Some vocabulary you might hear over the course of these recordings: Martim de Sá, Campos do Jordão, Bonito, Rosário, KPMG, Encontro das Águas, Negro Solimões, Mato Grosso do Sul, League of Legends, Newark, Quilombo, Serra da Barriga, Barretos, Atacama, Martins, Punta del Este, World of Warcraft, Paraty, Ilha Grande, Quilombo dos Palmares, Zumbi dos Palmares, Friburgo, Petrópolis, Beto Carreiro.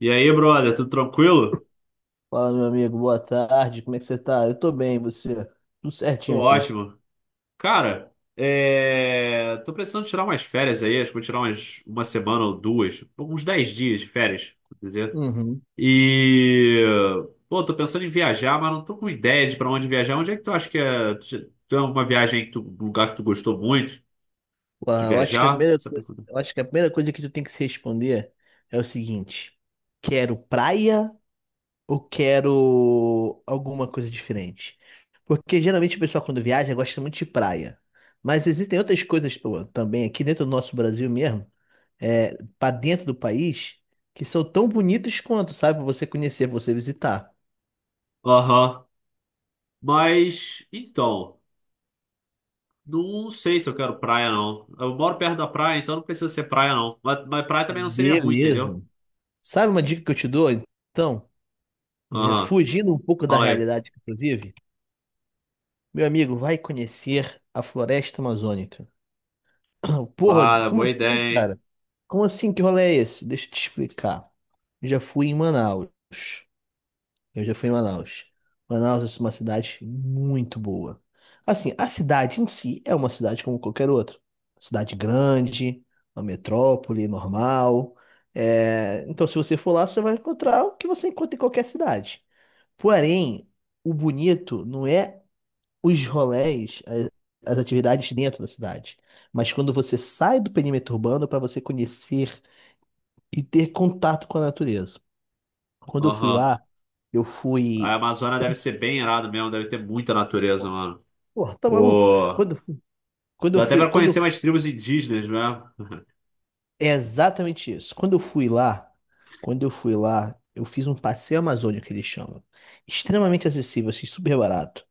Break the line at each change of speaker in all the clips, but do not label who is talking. E aí, brother, tudo tranquilo?
Fala, meu amigo, boa tarde, como é que você tá? Eu tô bem, e você? Tudo
Tô
certinho aqui.
ótimo. Cara, tô precisando tirar umas férias aí, acho que vou tirar uma semana ou duas, uns 10 dias de férias, vou dizer.
Uhum.
E, pô, tô pensando em viajar, mas não tô com ideia de pra onde viajar. Onde é que tu acha que tu é uma viagem, que tu. Um lugar que tu gostou muito de
Ué, eu acho que a
viajar,
primeira
sabe?
coisa, que tu tem que se responder é o seguinte: quero praia ou quero alguma coisa diferente? Porque geralmente o pessoal quando viaja gosta muito de praia. Mas existem outras coisas pô, também aqui dentro do nosso Brasil mesmo, para dentro do país, que são tão bonitas quanto, sabe, pra você conhecer, pra você visitar.
Aham. Mas, então. Não sei se eu quero praia, não. Eu moro perto da praia, então não precisa ser praia, não. Mas praia também não seria ruim,
Beleza.
entendeu?
Sabe uma dica que eu te dou? Então, já
Aham.
fugindo um pouco da
Fala aí.
realidade que tu vive, meu amigo, vai conhecer a floresta amazônica. Porra,
Para,
como
boa
assim,
ideia, hein?
cara? Como assim? Que rolê é esse? Deixa eu te explicar. Eu já fui em Manaus. Eu já fui em Manaus. Manaus é uma cidade muito boa. Assim, a cidade em si é uma cidade como qualquer outra. Cidade grande, uma metrópole normal. Então, se você for lá, você vai encontrar o que você encontra em qualquer cidade. Porém, o bonito não é os rolés, as atividades dentro da cidade, mas quando você sai do perímetro urbano para você conhecer e ter contato com a natureza. Quando eu fui
Aham.
lá, eu
A
fui.
Amazônia deve ser bem irado mesmo, deve ter muita natureza, mano.
Pô, tá maluco?
Ô,
Quando, eu fui- quando eu
dá até
fui.
pra conhecer umas tribos indígenas, né?
É exatamente isso. Quando eu fui lá, eu fiz um passeio amazônico que eles chamam. Extremamente acessível, assim, super barato.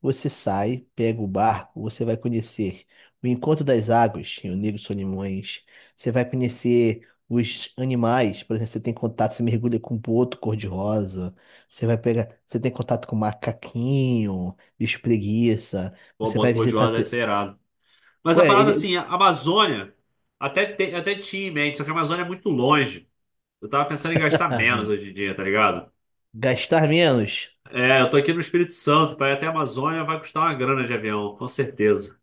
Você sai, pega o barco, você vai conhecer o Encontro das Águas, em o Negro Solimões. Você vai conhecer os animais, por exemplo, você tem contato, você mergulha com um boto cor-de-rosa. Você vai pegar, você tem contato com macaquinho, bicho preguiça.
Pô,
Você vai
Boto
visitar.
Cor-de-Rosa deve
Te-
ser irado. Mas
Pô,
a
é,
parada
ele...
assim, a Amazônia até, até tinha em mente, só que a Amazônia é muito longe. Eu tava pensando em gastar menos hoje em dia, tá ligado?
Gastar menos
É, eu tô aqui no Espírito Santo, pra ir até a Amazônia vai custar uma grana de avião, com certeza.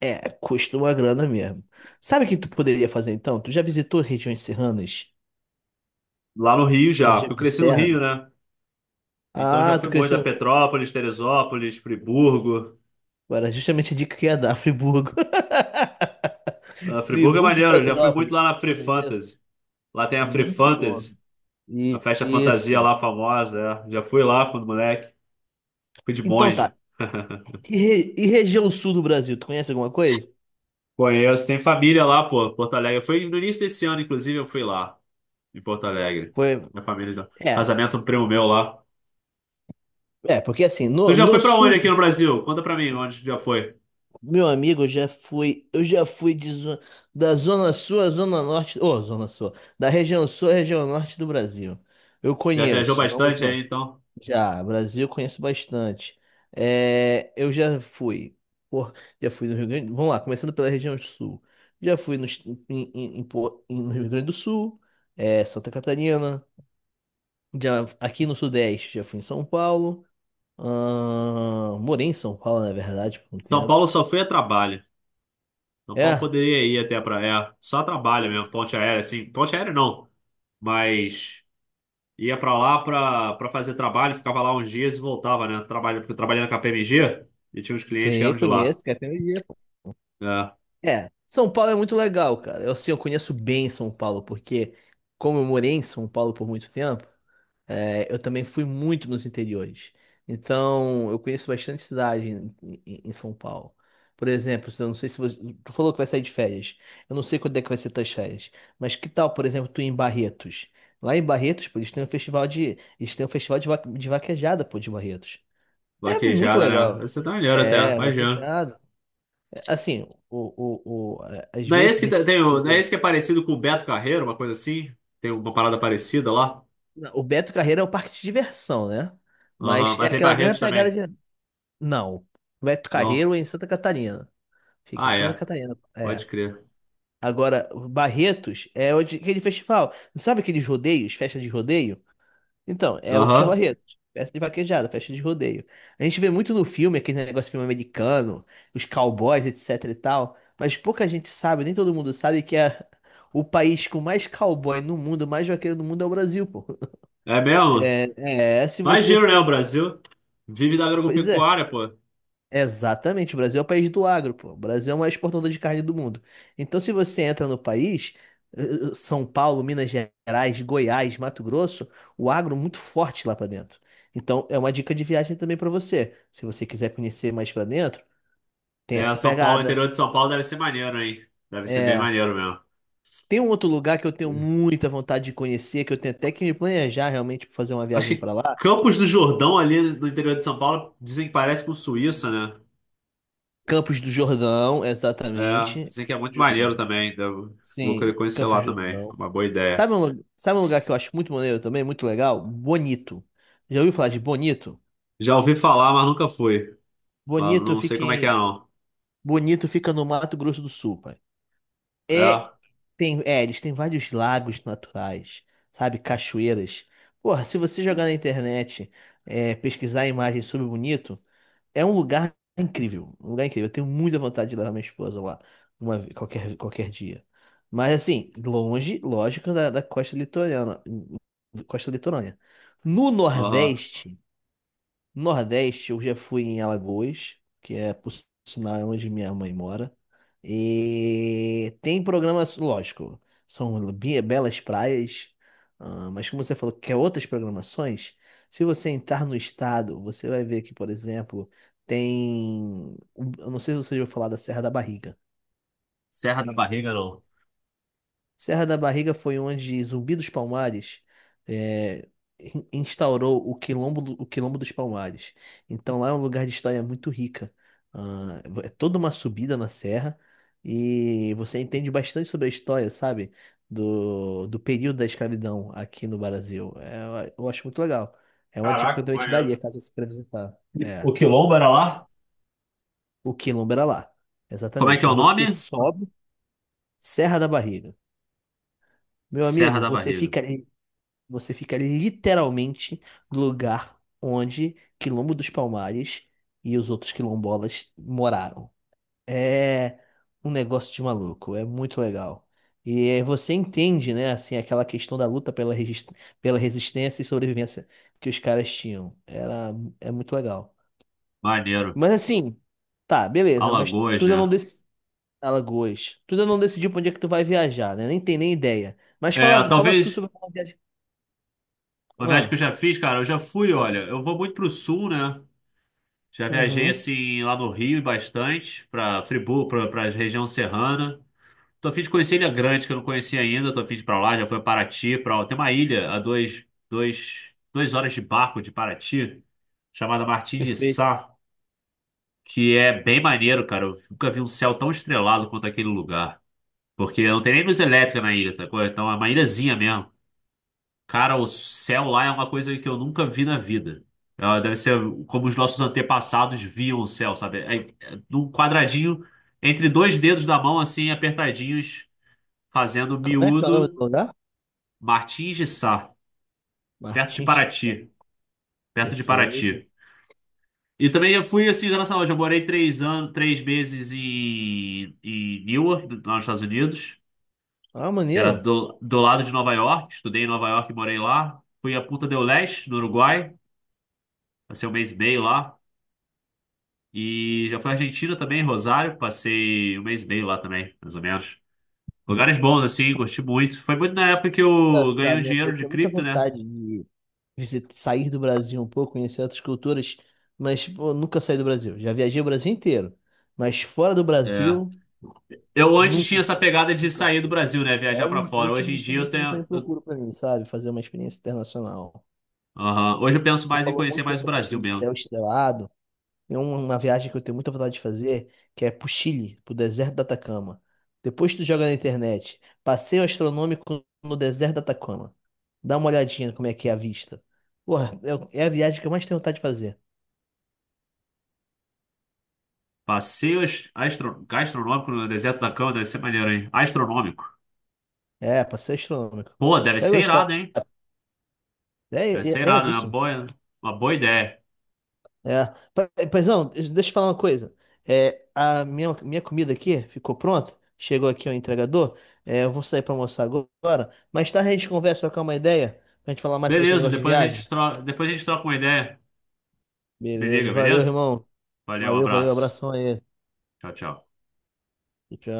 custa uma grana mesmo. Sabe o que tu poderia fazer então? Tu já visitou regiões serranas?
Lá no Rio já,
Região
porque eu
de
cresci no
serra?
Rio, né? Então já
Ah,
fui
tu
muito a
cresceu.
Petrópolis, Teresópolis, Friburgo.
Era justamente a dica que ia dar, Friburgo.
Ah, Friburgo é
Friburgo e
maneiro, eu já fui muito lá
Petrópolis.
na Free
Maneiro.
Fantasy. Lá tem a Free
Muito bom.
Fantasy, a festa fantasia
Isso.
lá famosa. É. Já fui lá quando moleque. Fui de
Então
monge.
tá. E região sul do Brasil, tu conhece alguma coisa?
Conheço, tem família lá, pô, Porto Alegre. Foi no início desse ano, inclusive, eu fui lá, em Porto Alegre.
Foi.
Minha família, já-
É.
casamento do primo meu lá.
É, porque assim,
Tu já
no
foi pra onde
sul,
aqui no Brasil? Conta pra mim onde tu já foi.
meu amigo, eu já fui, da zona sul à zona norte, ô, zona sul, da região sul à região norte do Brasil. Eu
Já viajou
conheço, não, muito
bastante
bom.
aí, então?
Já, Brasil eu conheço bastante. É, eu já fui. Por, já fui no Rio Grande. Vamos lá, começando pela região sul. Já fui no, est- em- no Rio Grande do Sul, Santa Catarina. Já, aqui no Sudeste, já fui em São Paulo. Morei em São Paulo, na verdade, por um
São
tempo.
Paulo só foi a trabalho. São Paulo
É,
poderia ir até a praia. Só a trabalho mesmo, ponte aérea, assim. Ponte aérea não, mas. Ia para lá para pra fazer trabalho, ficava lá uns dias e voltava, né? Trabalho, porque eu trabalhei na KPMG e tinha uns clientes que
sei,
eram de lá.
conheço, que é até um
É,
É, São Paulo é muito legal, cara. Eu, assim, eu conheço bem São Paulo, porque como eu morei em São Paulo por muito tempo. É, eu também fui muito nos interiores. Então, eu conheço bastante cidade em São Paulo. Por exemplo, eu não sei se você. Tu falou que vai sair de férias. Eu não sei quando é que vai ser tuas férias. Mas que tal, por exemplo, tu ir em Barretos? Lá em Barretos, pô, eles têm um festival de. Eles têm um festival de vaquejada, pô, de Barretos. É muito
vaquejada, né?
legal.
Você tá melhor até,
É,
imagina.
vaquejada. É, assim, o, às
Não é esse
vezes
que
a gente
tem, não é
vê.
esse que é parecido com o Beto Carreiro, uma coisa assim? Tem uma parada parecida lá?
Não, o Beto Carreira é o parque de diversão, né?
Aham,
Mas é
mas é em
aquela mesma
Barretos
pegada
também.
de. Não. Beto
Não.
Carreiro é em Santa Catarina. Fica em
Ah,
Santa
é.
Catarina.
Pode
É.
crer.
Agora, Barretos é onde, aquele festival. Sabe aqueles rodeios, festa de rodeio? Então, é o que é
Aham.
Barretos. Festa de vaquejada, festa de rodeio. A gente vê muito no filme, aquele negócio de filme americano, os cowboys, etc e tal. Mas pouca gente sabe, nem todo mundo sabe que é o país com mais cowboy no mundo, mais vaqueiro no mundo é o Brasil, pô.
É mesmo?
Se
Mais
você
giro, né? O
foi.
Brasil vive da
Pois é.
agropecuária, pô.
Exatamente, o Brasil é o país do agro, pô. O Brasil é o maior exportador de carne do mundo. Então, se você entra no país, eh, São Paulo, Minas Gerais, Goiás, Mato Grosso, o agro é muito forte lá pra dentro. Então, é uma dica de viagem também pra você. Se você quiser conhecer mais pra dentro, tem
É,
essa
São Paulo,
pegada.
interior de São Paulo deve ser maneiro, hein? Deve ser bem
É,
maneiro mesmo.
tem um outro lugar que eu tenho muita vontade de conhecer, que eu tenho até que me planejar realmente para fazer uma
Acho
viagem
que
pra lá.
Campos do Jordão, ali no interior de São Paulo, dizem que parece com Suíça, né?
Campos do Jordão,
É,
exatamente.
dizem que é muito maneiro
Jordão.
também. Vou
Sim,
querer conhecer
Campos
lá
do
também. É
Jordão.
uma boa ideia.
Sabe um lugar que eu acho muito maneiro também, muito legal? Bonito. Já ouviu falar de Bonito?
Já ouvi falar, mas nunca fui. Mas
Bonito
não sei
fica
como é que é,
em,
não.
Bonito fica no Mato Grosso do Sul, pai. É,
É,
tem, é, eles têm vários lagos naturais, sabe? Cachoeiras. Porra, se você jogar na internet, pesquisar imagens sobre Bonito, é um lugar incrível, um lugar incrível. Eu tenho muita vontade de levar minha esposa lá, qualquer, dia. Mas assim, longe, lógico, da costa litorânea, costa litorânea. No
aham.
Nordeste, eu já fui em Alagoas, que é, por sinal, é onde minha mãe mora. E tem programas, lógico, são belas praias, ah, mas como você falou que quer outras programações, se você entrar no estado, você vai ver que, por exemplo, tem. Eu não sei se você já ouviu falar da Serra da Barriga.
Serra da Barriga, não.
Serra da Barriga foi onde Zumbi dos Palmares é, instaurou o Quilombo, o Quilombo dos Palmares. Então lá é um lugar de história muito rica. Ah, é toda uma subida na serra e você entende bastante sobre a história, sabe? Do período da escravidão aqui no Brasil. É, eu acho muito legal. É uma dica que eu
Caraca,
também te daria
maneiro.
caso você queira visitar. É,
O Quilombo era lá?
o Quilombo era lá.
Como é que é
Exatamente.
o
Você
nome?
sobe Serra da Barriga. Meu
Serra
amigo,
da
você
Barriga.
fica Você fica literalmente no lugar onde Quilombo dos Palmares e os outros quilombolas moraram. É um negócio de maluco, é muito legal. E você entende, né, assim, aquela questão da luta pela resistência e sobrevivência que os caras tinham. É muito legal.
Maneiro.
Mas assim, tá, beleza, mas tu
Alagoas,
ainda não
né?
decidiu. Alagoas. Tu ainda não decidiu pra onde é que tu vai viajar, né? Nem tem nem ideia. Mas
É,
fala, tu
talvez
sobre a viagem.
uma viagem que eu
Ah,
já fiz, cara, eu já fui, olha, eu vou muito pro sul, né? Já viajei
uhum.
assim lá no Rio e bastante, para Friburgo, para a região serrana. Tô a fim de conhecer Ilha Grande, que eu não conhecia ainda. Tô a fim de ir para lá, já fui a Paraty, para tem uma ilha a 2 horas de barco de Paraty, chamada Martim de
Perfeito.
Sá, que é bem maneiro, cara. Eu nunca vi um céu tão estrelado quanto aquele lugar. Porque não tem nem luz elétrica na ilha, sacou? Então é uma ilhazinha mesmo. Cara, o céu lá é uma coisa que eu nunca vi na vida. Ela deve ser como os nossos antepassados viam o céu, sabe? É, é num quadradinho, entre dois dedos da mão, assim, apertadinhos, fazendo
Como é que é o nome
miúdo,
do lugar?
Martins de Sá, perto de
Martins. Tá.
Paraty, perto de
Perfeito.
Paraty. E também eu fui, assim, na saúde, eu morei 3 anos, 3 meses em, Newark, nos Estados Unidos,
Ah,
que era
maneiro.
do lado de Nova York, estudei em Nova York e morei lá. Fui a Punta del Este, no Uruguai, passei um mês e meio lá. E já fui à Argentina também, Rosário, passei um mês e meio lá também, mais ou menos. Lugares bons, assim, curti muito. Foi muito na época que eu ganhei o
Engraçado, né? Pô,
dinheiro de
tenho muita
cripto, né?
vontade de sair do Brasil um pouco, conhecer outras culturas, mas pô, nunca saí do Brasil. Já viajei o Brasil inteiro, mas fora do
É.
Brasil,
Eu antes tinha
nunca,
essa pegada de
nunca
sair do
fui.
Brasil, né? Viajar pra
É o
fora.
tipo
Hoje
de
em dia eu
experiência que eu também
tenho.
procuro pra mim, sabe? Fazer uma experiência internacional.
Aham. Hoje eu penso
Tu
mais em
falou
conhecer
muito
mais o
dessa questão
Brasil
do
mesmo.
céu estrelado. Tem uma viagem que eu tenho muita vontade de fazer, que é pro Chile, pro deserto do Atacama. Depois tu joga na internet, passeio astronômico no deserto do Atacama. Dá uma olhadinha como é que é a vista. Porra, é a viagem que eu mais tenho vontade de fazer.
Passeios gastronômico no deserto da cama, deve ser maneiro, hein? Astronômico.
É, passeio astronômico.
Pô, deve
Vai
ser
gostar.
irado, hein? Deve
É,
ser
é
irado, é
iradíssimo.
uma boa ideia.
É. Paizão, deixa eu falar uma coisa. É, a minha comida aqui ficou pronta. Chegou aqui o entregador. É, eu vou sair pra almoçar agora. Mais tarde a gente conversa, trocar uma ideia, pra gente falar mais sobre esse
Beleza,
negócio de viagem.
depois a gente troca uma ideia. Me
Beleza.
liga,
Valeu,
beleza?
irmão.
Valeu, um
Valeu,
abraço.
Abração aí.
Tchau, tchau.
Tchau.